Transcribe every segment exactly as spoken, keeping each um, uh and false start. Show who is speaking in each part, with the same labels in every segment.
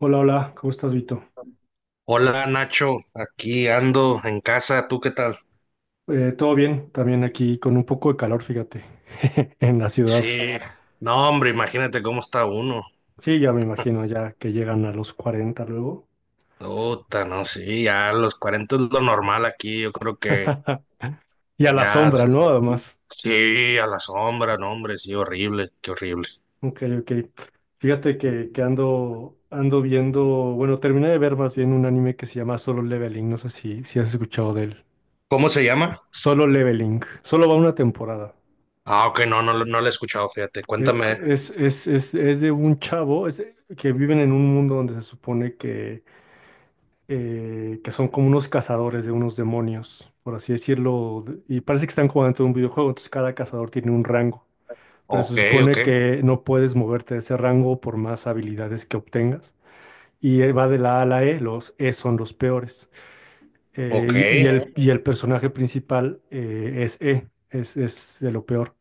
Speaker 1: Hola, hola, ¿cómo estás, Vito?
Speaker 2: Hola Nacho, aquí ando en casa, ¿tú qué tal?
Speaker 1: Eh, todo bien, también aquí con un poco de calor, fíjate, en la ciudad.
Speaker 2: Sí, no hombre, imagínate cómo está uno.
Speaker 1: Sí, ya me imagino, ya que llegan a los cuarenta luego.
Speaker 2: Puta, no, sí, ya a los cuarenta es lo normal aquí, yo creo que
Speaker 1: Y a la
Speaker 2: ya,
Speaker 1: sombra, ¿no? Además.
Speaker 2: sí, a la sombra, no hombre, sí, horrible, qué horrible.
Speaker 1: Ok, ok. Fíjate que, que ando, ando viendo, bueno, terminé de ver más bien un anime que se llama Solo Leveling, no sé si, si has escuchado de él.
Speaker 2: ¿Cómo se llama?
Speaker 1: Solo Leveling, solo va una temporada.
Speaker 2: Ah, ok, no, no, lo- no lo he escuchado, fíjate,
Speaker 1: Eh,
Speaker 2: cuéntame.
Speaker 1: Es, es, es, es de un chavo es, que viven en un mundo donde se supone que eh, que son como unos cazadores de unos demonios, por así decirlo, de- y parece que están jugando en un videojuego, entonces cada cazador tiene un rango, pero
Speaker 2: Ok,
Speaker 1: se
Speaker 2: ok,
Speaker 1: supone que no puedes moverte de ese rango por más habilidades que obtengas. Y eh, va de la A a la E, los E son los peores. Eh,
Speaker 2: ok,
Speaker 1: y, y el, y el personaje principal eh, es E, es, es de lo peor.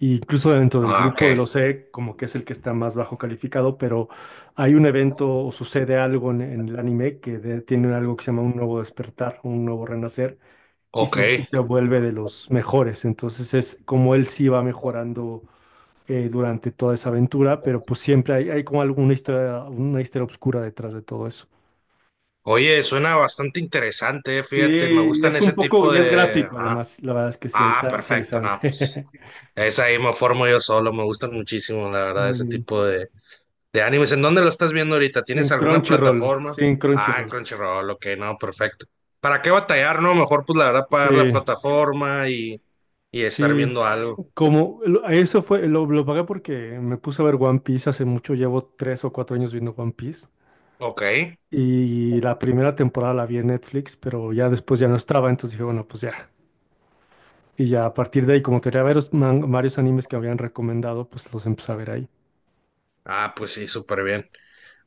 Speaker 1: Incluso dentro del
Speaker 2: ah,
Speaker 1: grupo
Speaker 2: ok,
Speaker 1: del O C E, como que es el que está más bajo calificado, pero hay un evento o sucede algo en, en el anime que de- tiene algo que se llama un nuevo despertar, un nuevo renacer, y
Speaker 2: ok.
Speaker 1: se, y se vuelve de los mejores. Entonces es como él sí va mejorando eh, durante toda esa aventura, pero pues siempre hay, hay como alguna historia, una historia oscura detrás de todo eso.
Speaker 2: Oye, suena bastante interesante, eh, fíjate, me
Speaker 1: Sí,
Speaker 2: gustan
Speaker 1: es
Speaker 2: ese
Speaker 1: un poco,
Speaker 2: tipo
Speaker 1: y es
Speaker 2: de...
Speaker 1: gráfico
Speaker 2: Ah,
Speaker 1: además, la verdad es que sí hay,
Speaker 2: ah,
Speaker 1: sa- sí hay
Speaker 2: perfecto, no, pues...
Speaker 1: sangre.
Speaker 2: Esa ahí me formo yo solo, me gustan muchísimo, la verdad,
Speaker 1: Muy
Speaker 2: ese
Speaker 1: bien.
Speaker 2: tipo de, de animes. ¿En dónde lo estás viendo ahorita? ¿Tienes
Speaker 1: En
Speaker 2: alguna
Speaker 1: Crunchyroll,
Speaker 2: plataforma?
Speaker 1: sí, en
Speaker 2: Ah, en
Speaker 1: Crunchyroll.
Speaker 2: Crunchyroll, ok, no, perfecto. ¿Para qué batallar, no? Mejor, pues, la verdad, pagar la
Speaker 1: Sí.
Speaker 2: plataforma y, y estar
Speaker 1: Sí,
Speaker 2: viendo algo.
Speaker 1: como lo- eso fue, lo, lo pagué porque me puse a ver One Piece hace mucho, llevo tres o cuatro años viendo One Piece
Speaker 2: Ok.
Speaker 1: y la primera temporada la vi en Netflix, pero ya después ya no estaba, entonces dije, bueno, pues ya. Y ya a partir de ahí, como tenía varios, man- varios animes que habían recomendado, pues los empecé a ver ahí.
Speaker 2: Ah, pues sí, súper bien.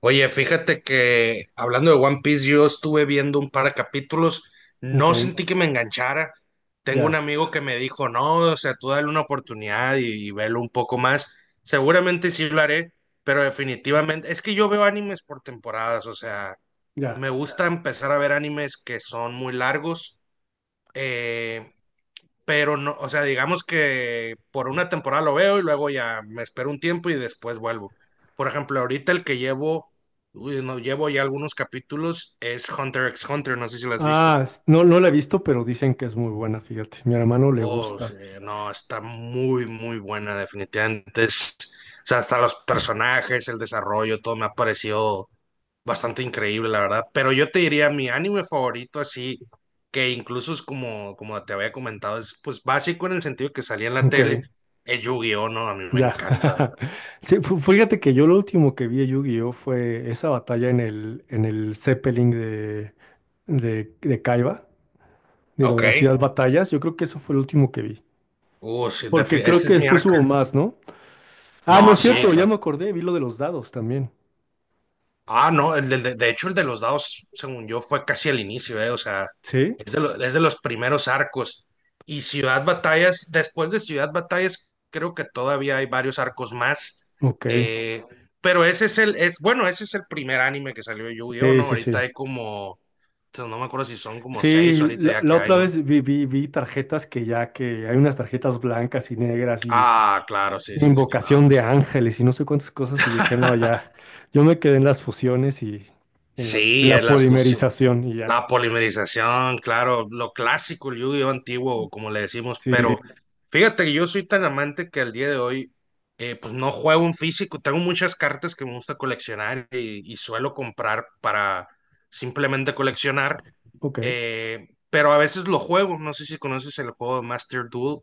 Speaker 2: Oye, fíjate que hablando de One Piece, yo estuve viendo un par de capítulos,
Speaker 1: Ok,
Speaker 2: no sentí que me enganchara. Tengo un
Speaker 1: ya,
Speaker 2: amigo que me dijo, no, o sea, tú dale una oportunidad y, y velo un poco más. Seguramente sí lo haré, pero definitivamente, es que yo veo animes por temporadas, o sea,
Speaker 1: ya.
Speaker 2: me gusta empezar a ver animes que son muy largos. Eh, pero no, o sea, digamos que por una temporada lo veo y luego ya me espero un tiempo y después vuelvo. Por ejemplo, ahorita el que llevo, uy, no, llevo ya algunos capítulos es Hunter x Hunter, no sé si lo has visto.
Speaker 1: Ah, s- no, no la he visto, pero dicen que es muy buena, fíjate, mi hermano le
Speaker 2: Oh, sí,
Speaker 1: gusta.
Speaker 2: no, está muy, muy buena, definitivamente. Es- o sea, hasta los personajes, el desarrollo, todo me ha parecido bastante increíble, la verdad. Pero yo te diría, mi anime favorito, así, que incluso es como, como te había comentado, es pues básico en el sentido que salía en la
Speaker 1: Ok,
Speaker 2: tele, es Yu-Gi-Oh, ¿no? A mí me encanta.
Speaker 1: ya. Sí, fu- fíjate que yo lo último que vi de Yu-Gi-Oh! Fue esa batalla en el, en el Zeppelin de, de, de Kaiba, de lo
Speaker 2: Ok.
Speaker 1: de las Ciudad Batallas. Yo creo que eso fue lo último que vi.
Speaker 2: Uh, sí, defi-
Speaker 1: Porque creo
Speaker 2: ese es
Speaker 1: que
Speaker 2: mi
Speaker 1: después
Speaker 2: arco.
Speaker 1: hubo más, ¿no? Ah,
Speaker 2: No,
Speaker 1: no es
Speaker 2: sí,
Speaker 1: cierto, ya me acordé, vi lo de los dados también.
Speaker 2: ah, no, el del- de, de hecho el de los dados, según yo, fue casi al inicio, eh, o sea,
Speaker 1: ¿Sí?
Speaker 2: es de, lo- es de los primeros arcos. Y Ciudad Batallas, después de Ciudad Batallas, creo que todavía hay varios arcos más.
Speaker 1: Ok.
Speaker 2: eh, pero ese es el, es, bueno, ese es el primer anime que salió de Yu-Gi-Oh,
Speaker 1: Sí,
Speaker 2: ¿no?
Speaker 1: sí,
Speaker 2: Ahorita
Speaker 1: sí.
Speaker 2: hay como, o sea, no me acuerdo si son como
Speaker 1: Sí,
Speaker 2: seis ahorita
Speaker 1: la,
Speaker 2: ya
Speaker 1: la
Speaker 2: que hay,
Speaker 1: otra
Speaker 2: ¿no?
Speaker 1: vez vi, vi, vi tarjetas que ya que hay unas tarjetas blancas y negras y
Speaker 2: Ah, claro, sí, sí, sí, no.
Speaker 1: invocación de ángeles y no sé cuántas cosas y yo que no,
Speaker 2: Sí.
Speaker 1: ya, yo me quedé en las fusiones y en las, en
Speaker 2: Sí, es
Speaker 1: la
Speaker 2: las fusión,
Speaker 1: polimerización y ya.
Speaker 2: la polimerización, claro, lo clásico, el yu antiguo, como le decimos,
Speaker 1: Sí,
Speaker 2: pero fíjate que yo soy tan amante que al día de hoy, eh, pues no juego en físico, tengo muchas cartas que me gusta coleccionar y, y suelo comprar para simplemente coleccionar,
Speaker 1: ok,
Speaker 2: eh, pero a veces lo juego, no sé si conoces el juego de Master Duel,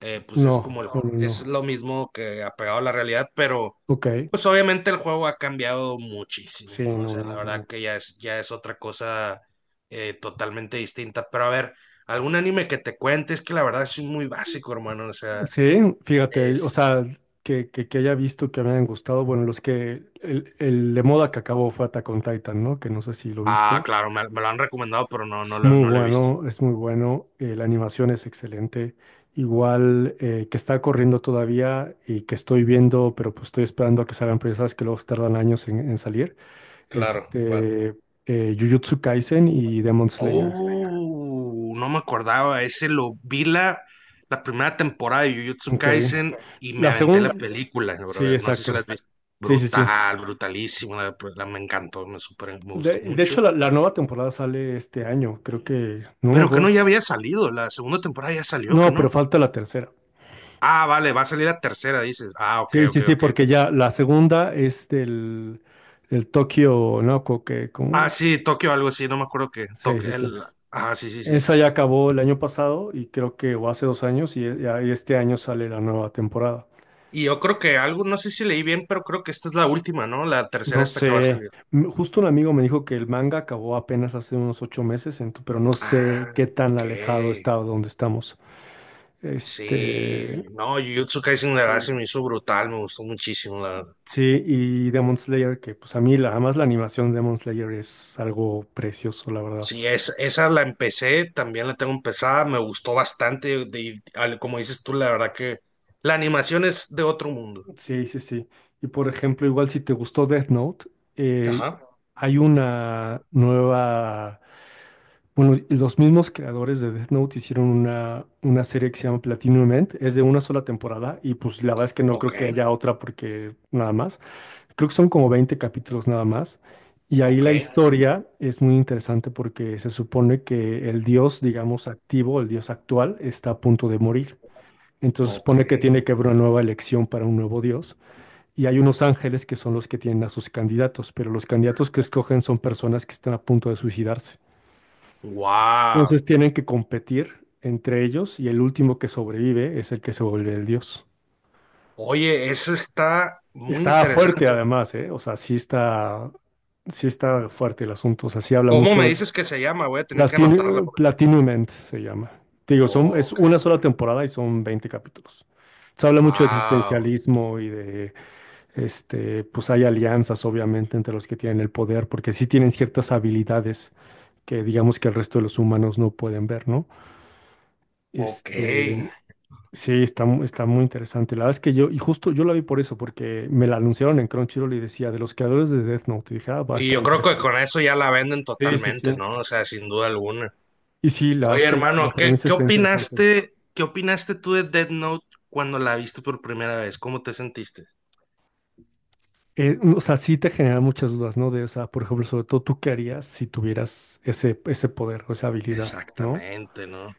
Speaker 2: eh, pues es como,
Speaker 1: no,
Speaker 2: el-
Speaker 1: no, no,
Speaker 2: es
Speaker 1: no,
Speaker 2: lo mismo que apegado a la realidad, pero
Speaker 1: ok,
Speaker 2: pues obviamente el juego ha cambiado
Speaker 1: sí,
Speaker 2: muchísimo, ¿no? O
Speaker 1: no,
Speaker 2: sea, la
Speaker 1: no,
Speaker 2: verdad
Speaker 1: no.
Speaker 2: que ya es, ya es otra cosa eh, totalmente distinta, pero a ver, algún anime que te cuente, es que la verdad es muy básico, hermano, o sea,
Speaker 1: Sí, fíjate, o
Speaker 2: es...
Speaker 1: sea, que, que, que haya visto que me hayan gustado, bueno, los que, el, el de moda que acabó fue Attack on Titan, ¿no? Que no sé si lo
Speaker 2: Ah,
Speaker 1: viste.
Speaker 2: claro, me, me lo han recomendado, pero no, no
Speaker 1: Es
Speaker 2: lo,
Speaker 1: muy
Speaker 2: no lo he visto.
Speaker 1: bueno, es muy bueno, eh, la animación es excelente. Igual eh, que está corriendo todavía y que estoy viendo, pero pues estoy esperando a que salgan presas que luego tardan años en, en salir.
Speaker 2: Claro,
Speaker 1: Este, eh, Jujutsu Kaisen y Demon Slayer.
Speaker 2: oh, no me acordaba. Ese lo vi la, la primera temporada de Jujutsu
Speaker 1: Ok.
Speaker 2: Kaisen y me
Speaker 1: La
Speaker 2: aventé la
Speaker 1: segunda.
Speaker 2: película,
Speaker 1: Sí,
Speaker 2: brother. No sé si la
Speaker 1: exacto.
Speaker 2: has visto.
Speaker 1: Sí, sí, sí.
Speaker 2: Brutal, brutalísima. La, pues, la- me encantó, me super, me gustó
Speaker 1: De, de
Speaker 2: mucho.
Speaker 1: hecho, la, la nueva temporada sale este año, creo que. No me
Speaker 2: Pero que no
Speaker 1: acuerdo.
Speaker 2: ya había salido. La segunda temporada ya salió, que
Speaker 1: No, pero
Speaker 2: no.
Speaker 1: falta la tercera.
Speaker 2: Ah, vale, va a salir la tercera, dices. Ah, ok,
Speaker 1: Sí, sí,
Speaker 2: ok,
Speaker 1: sí,
Speaker 2: ok.
Speaker 1: porque ya la segunda es del, del Tokio, ¿no? Co- Que,
Speaker 2: Ah,
Speaker 1: como-
Speaker 2: sí, Tokio, algo así, no me acuerdo qué.
Speaker 1: Sí,
Speaker 2: Tokio,
Speaker 1: sí, sí.
Speaker 2: el... Ah, sí, sí, sí.
Speaker 1: Esa ya acabó el año pasado y creo que, o hace dos años, y, e- ya- y este año sale la nueva temporada.
Speaker 2: Y yo creo que algo, no sé si leí bien, pero creo que esta es la última, ¿no? La tercera
Speaker 1: No
Speaker 2: esta que va a
Speaker 1: sé,
Speaker 2: salir.
Speaker 1: m- justo un amigo me dijo que el manga acabó apenas hace unos ocho meses, ento- pero no sé
Speaker 2: Ah,
Speaker 1: qué tan
Speaker 2: ok,
Speaker 1: alejado está de donde estamos. Este,
Speaker 2: sí, no, Jujutsu Kaisen la verdad se me
Speaker 1: sí.
Speaker 2: hizo brutal, me gustó muchísimo, la verdad.
Speaker 1: Sí, y Demon Slayer, que pues a mí la, además la animación de Demon Slayer es algo precioso, la verdad.
Speaker 2: Sí, es, esa la empecé, también la tengo empezada, me gustó bastante, de- al- como dices tú, la verdad que la animación es de otro mundo.
Speaker 1: Sí, sí, sí. Y por ejemplo, igual si te gustó Death Note, eh,
Speaker 2: Ajá,
Speaker 1: hay una nueva. Bueno, los mismos creadores de Death Note hicieron una, una serie que se llama Platinum End. Es de una sola temporada y pues la verdad es que no
Speaker 2: ok,
Speaker 1: creo que haya otra porque nada más. Creo que son como veinte capítulos nada más. Y ahí
Speaker 2: ok,
Speaker 1: la historia es muy interesante porque se supone que el dios, digamos, activo, el dios actual, está a punto de morir. Entonces
Speaker 2: ok,
Speaker 1: supone que tiene que haber una nueva elección para un nuevo dios y hay unos ángeles que son los que tienen a sus candidatos, pero los candidatos que escogen son personas que están a punto de suicidarse.
Speaker 2: wow.
Speaker 1: Entonces tienen que competir entre ellos y el último que sobrevive es el que se vuelve el dios.
Speaker 2: Oye, eso está muy
Speaker 1: Está fuerte
Speaker 2: interesante.
Speaker 1: además, ¿eh? O sea, sí está, sí está fuerte el asunto, o sea, sí habla
Speaker 2: ¿Cómo me
Speaker 1: mucho.
Speaker 2: dices que se llama? Voy a tener que anotarla.
Speaker 1: Platin-
Speaker 2: porque-
Speaker 1: Platinum End se llama. Te digo, son, es
Speaker 2: Ok,
Speaker 1: una sola temporada y son veinte capítulos. Se habla mucho de
Speaker 2: wow,
Speaker 1: existencialismo y de. Este, pues hay alianzas, obviamente, entre los que tienen el poder, porque sí tienen ciertas habilidades que digamos que el resto de los humanos no pueden ver, ¿no?
Speaker 2: ok.
Speaker 1: Este, sí, está, mu- está muy interesante. La verdad es que yo, y justo yo la vi por eso, porque me la anunciaron en Crunchyroll y decía, de los creadores de Death Note, y dije, ah, va a
Speaker 2: Y
Speaker 1: estar
Speaker 2: yo creo que
Speaker 1: interesante.
Speaker 2: con eso ya la venden
Speaker 1: Sí, sí,
Speaker 2: totalmente,
Speaker 1: sí.
Speaker 2: ¿no? O sea, sin duda alguna.
Speaker 1: Y sí, la verdad
Speaker 2: Oye,
Speaker 1: es que la
Speaker 2: hermano, ¿qué,
Speaker 1: premisa
Speaker 2: qué
Speaker 1: está interesante.
Speaker 2: opinaste, qué opinaste tú de Death Note cuando la viste por primera vez? ¿Cómo te sentiste?
Speaker 1: Eh, o sea, sí te genera muchas dudas, ¿no? De, o sea, por ejemplo, sobre todo, ¿tú qué harías si tuvieras ese, ese poder o esa habilidad, no?
Speaker 2: Exactamente, ¿no?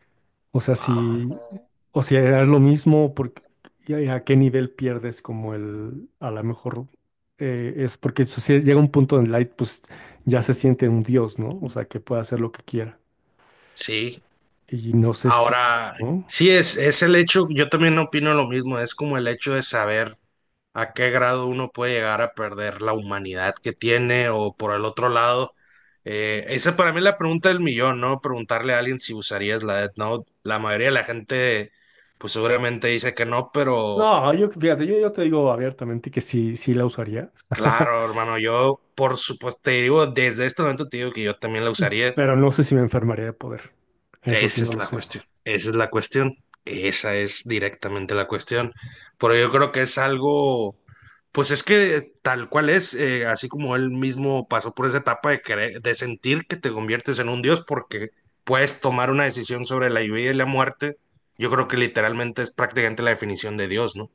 Speaker 1: O sea, si,
Speaker 2: Wow.
Speaker 1: o sea, era lo mismo, porque, y a a qué nivel pierdes como el, a lo mejor eh, es porque eso sí, llega un punto en Light, pues ya se siente un dios, ¿no? O sea, que puede hacer lo que quiera.
Speaker 2: Sí.
Speaker 1: Y no sé si,
Speaker 2: Ahora,
Speaker 1: ¿no?
Speaker 2: sí, es, es el hecho, yo también opino lo mismo, es como el hecho de saber a qué grado uno puede llegar a perder la humanidad que tiene o por el otro lado. Eh, esa para mí es la pregunta del millón, ¿no? Preguntarle a alguien si usarías la Death Note. La mayoría de la gente, pues seguramente dice que no, pero...
Speaker 1: No, yo, fíjate, yo, yo te digo abiertamente que sí, sí la usaría,
Speaker 2: Claro, hermano, yo por supuesto te digo, desde este momento te digo que yo también la usaría.
Speaker 1: pero no sé si me enfermaría de poder. Eso sí,
Speaker 2: Esa
Speaker 1: no
Speaker 2: es
Speaker 1: lo
Speaker 2: la
Speaker 1: sé.
Speaker 2: cuestión, esa es la cuestión, esa es directamente la cuestión. Pero yo creo que es algo, pues es que tal cual es, eh, así como él mismo pasó por esa etapa de querer, de sentir que te conviertes en un dios porque puedes tomar una decisión sobre la vida y la muerte, yo creo que literalmente es prácticamente la definición de Dios, ¿no?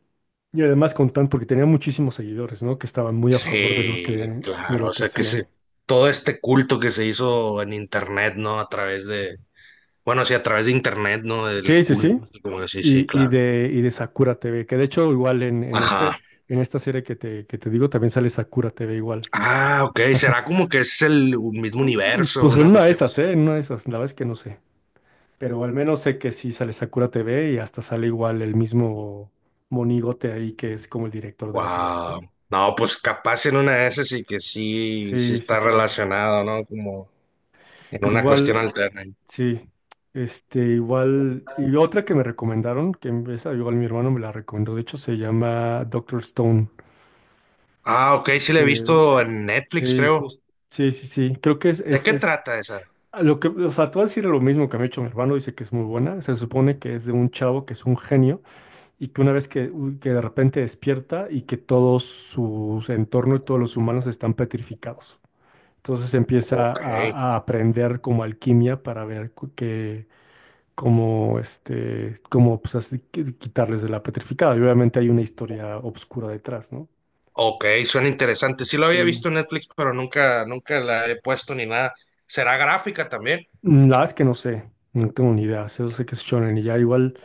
Speaker 1: Y además con tan, porque tenía muchísimos seguidores, ¿no? Que estaban muy a favor de lo que,
Speaker 2: Sí,
Speaker 1: de
Speaker 2: claro,
Speaker 1: lo
Speaker 2: o
Speaker 1: que
Speaker 2: sea que se,
Speaker 1: hacían.
Speaker 2: todo este culto que se hizo en internet, ¿no? A través de, bueno, sí, a través de internet, ¿no? Del
Speaker 1: Sí, sí, sí.
Speaker 2: culto, así como que sí, sí,
Speaker 1: Y, y
Speaker 2: claro.
Speaker 1: de, y de Sakura T V, que de hecho igual en, en, este,
Speaker 2: Ajá.
Speaker 1: en esta serie que te, que te digo también sale Sakura T V igual.
Speaker 2: Ah, ok, será como que es el mismo
Speaker 1: Mm,
Speaker 2: universo,
Speaker 1: Pues en
Speaker 2: una
Speaker 1: una de
Speaker 2: cuestión
Speaker 1: esas,
Speaker 2: así.
Speaker 1: ¿eh? En una de esas, la verdad es que no sé. Pero al menos sé que sí sale Sakura T V y hasta sale igual el mismo monigote ahí que es como el director de la
Speaker 2: Wow.
Speaker 1: televisión.
Speaker 2: No, pues capaz en una de esas sí que sí, sí
Speaker 1: Sí, sí,
Speaker 2: está
Speaker 1: sí.
Speaker 2: relacionado, ¿no? Como en una cuestión
Speaker 1: Igual,
Speaker 2: alterna.
Speaker 1: sí. Este, igual. Y otra que me recomendaron, que esa igual mi hermano me la recomendó, de hecho se llama Doctor Stone.
Speaker 2: Ah, ok, sí la he
Speaker 1: Este,
Speaker 2: visto en Netflix,
Speaker 1: sí,
Speaker 2: creo.
Speaker 1: justo, sí, sí, sí. Creo que es,
Speaker 2: ¿De
Speaker 1: es,
Speaker 2: qué
Speaker 1: es
Speaker 2: trata esa?
Speaker 1: a lo que, o sea, tú vas a decir lo mismo que me ha hecho mi hermano, dice que es muy buena. Se supone que es de un chavo que es un genio y que una vez que, u- que de repente despierta y que todos sus entorno y todos los humanos están petrificados. Entonces empieza
Speaker 2: Ok.
Speaker 1: a, a aprender como alquimia para ver cu- que cómo este, cómo pues así qui- quitarles de la petrificada. Y obviamente hay una historia oscura detrás, ¿no?
Speaker 2: Ok, suena interesante. Sí lo había visto
Speaker 1: Sí.
Speaker 2: en Netflix, pero nunca, nunca la he puesto ni nada. ¿Será gráfica también?
Speaker 1: Mm, La verdad es que no sé, no tengo ni idea, solo sé que es shonen y ya igual.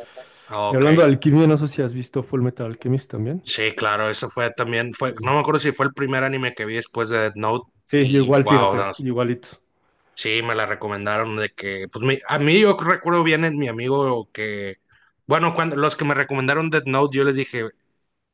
Speaker 2: Ah,
Speaker 1: Y
Speaker 2: ok,
Speaker 1: hablando de alquimia, no sé si has visto Full Metal Alchemist también.
Speaker 2: sí, claro, eso fue también, fue,
Speaker 1: Sí,
Speaker 2: no me acuerdo si fue el primer anime que vi después de Death Note
Speaker 1: Sí, yo
Speaker 2: y
Speaker 1: igual,
Speaker 2: wow, no,
Speaker 1: fíjate, igualito.
Speaker 2: sí, me la recomendaron de que, pues mi- a mí yo recuerdo bien en mi amigo que, bueno, cuando los que me recomendaron Death Note, yo les dije,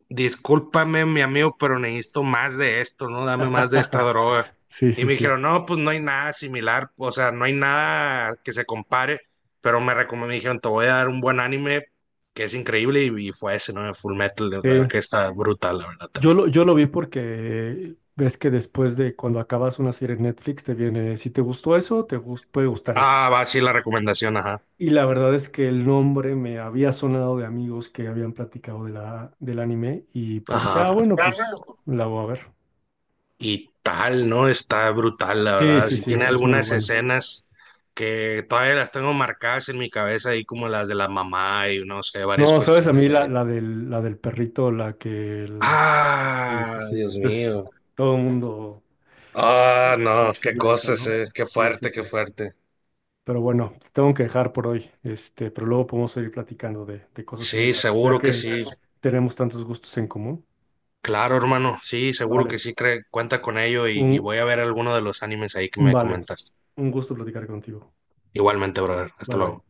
Speaker 2: discúlpame, mi amigo, pero necesito más de esto, ¿no? Dame más de esta droga.
Speaker 1: Sí,
Speaker 2: Y
Speaker 1: sí,
Speaker 2: me
Speaker 1: sí.
Speaker 2: dijeron, no, pues no hay nada similar, o sea, no hay nada que se compare, pero me recomendó, me dijeron, te voy a dar un buen anime que es increíble y, y fue ese, ¿no? Full Metal, la verdad
Speaker 1: Sí.
Speaker 2: que está brutal, la verdad
Speaker 1: Yo
Speaker 2: también.
Speaker 1: lo, yo lo vi porque ves que después de cuando acabas una serie en Netflix te viene, si te gustó eso, te gus- puede gustar esto.
Speaker 2: Ah, va, sí, la recomendación, ajá.
Speaker 1: Y la verdad es que el nombre me había sonado de amigos que habían platicado de la, del anime y pues dije, ah,
Speaker 2: Ajá.
Speaker 1: bueno, pues la voy a ver.
Speaker 2: Y tal, ¿no? Está brutal, la
Speaker 1: Sí,
Speaker 2: verdad.
Speaker 1: sí,
Speaker 2: Sí
Speaker 1: sí,
Speaker 2: tiene
Speaker 1: es muy
Speaker 2: algunas
Speaker 1: bueno.
Speaker 2: escenas que todavía las tengo marcadas en mi cabeza, ahí como las de la mamá y no sé, varias
Speaker 1: No, sabes, a
Speaker 2: cuestiones.
Speaker 1: mí
Speaker 2: ¿Eh?
Speaker 1: la, la del, la del perrito, la que el- Sí, sí,
Speaker 2: Ah,
Speaker 1: sí,
Speaker 2: Dios
Speaker 1: ese es
Speaker 2: mío.
Speaker 1: todo el mundo.
Speaker 2: Ah, no, qué
Speaker 1: Reacciona a esa,
Speaker 2: cosas,
Speaker 1: ¿no?
Speaker 2: eh. Qué
Speaker 1: Sí, sí,
Speaker 2: fuerte, qué
Speaker 1: sí.
Speaker 2: fuerte.
Speaker 1: Pero bueno, te tengo que dejar por hoy, este, pero luego podemos seguir platicando de, de cosas
Speaker 2: Sí,
Speaker 1: similares, ya
Speaker 2: seguro que
Speaker 1: que
Speaker 2: sí.
Speaker 1: tenemos tantos gustos en común.
Speaker 2: Claro, hermano. Sí, seguro que
Speaker 1: Vale.
Speaker 2: sí. Cre- cuenta con ello y,
Speaker 1: Un,
Speaker 2: y voy a ver alguno de los animes ahí que me
Speaker 1: vale,
Speaker 2: comentaste.
Speaker 1: un gusto platicar contigo.
Speaker 2: Igualmente, brother. Hasta
Speaker 1: Bye bye.
Speaker 2: luego.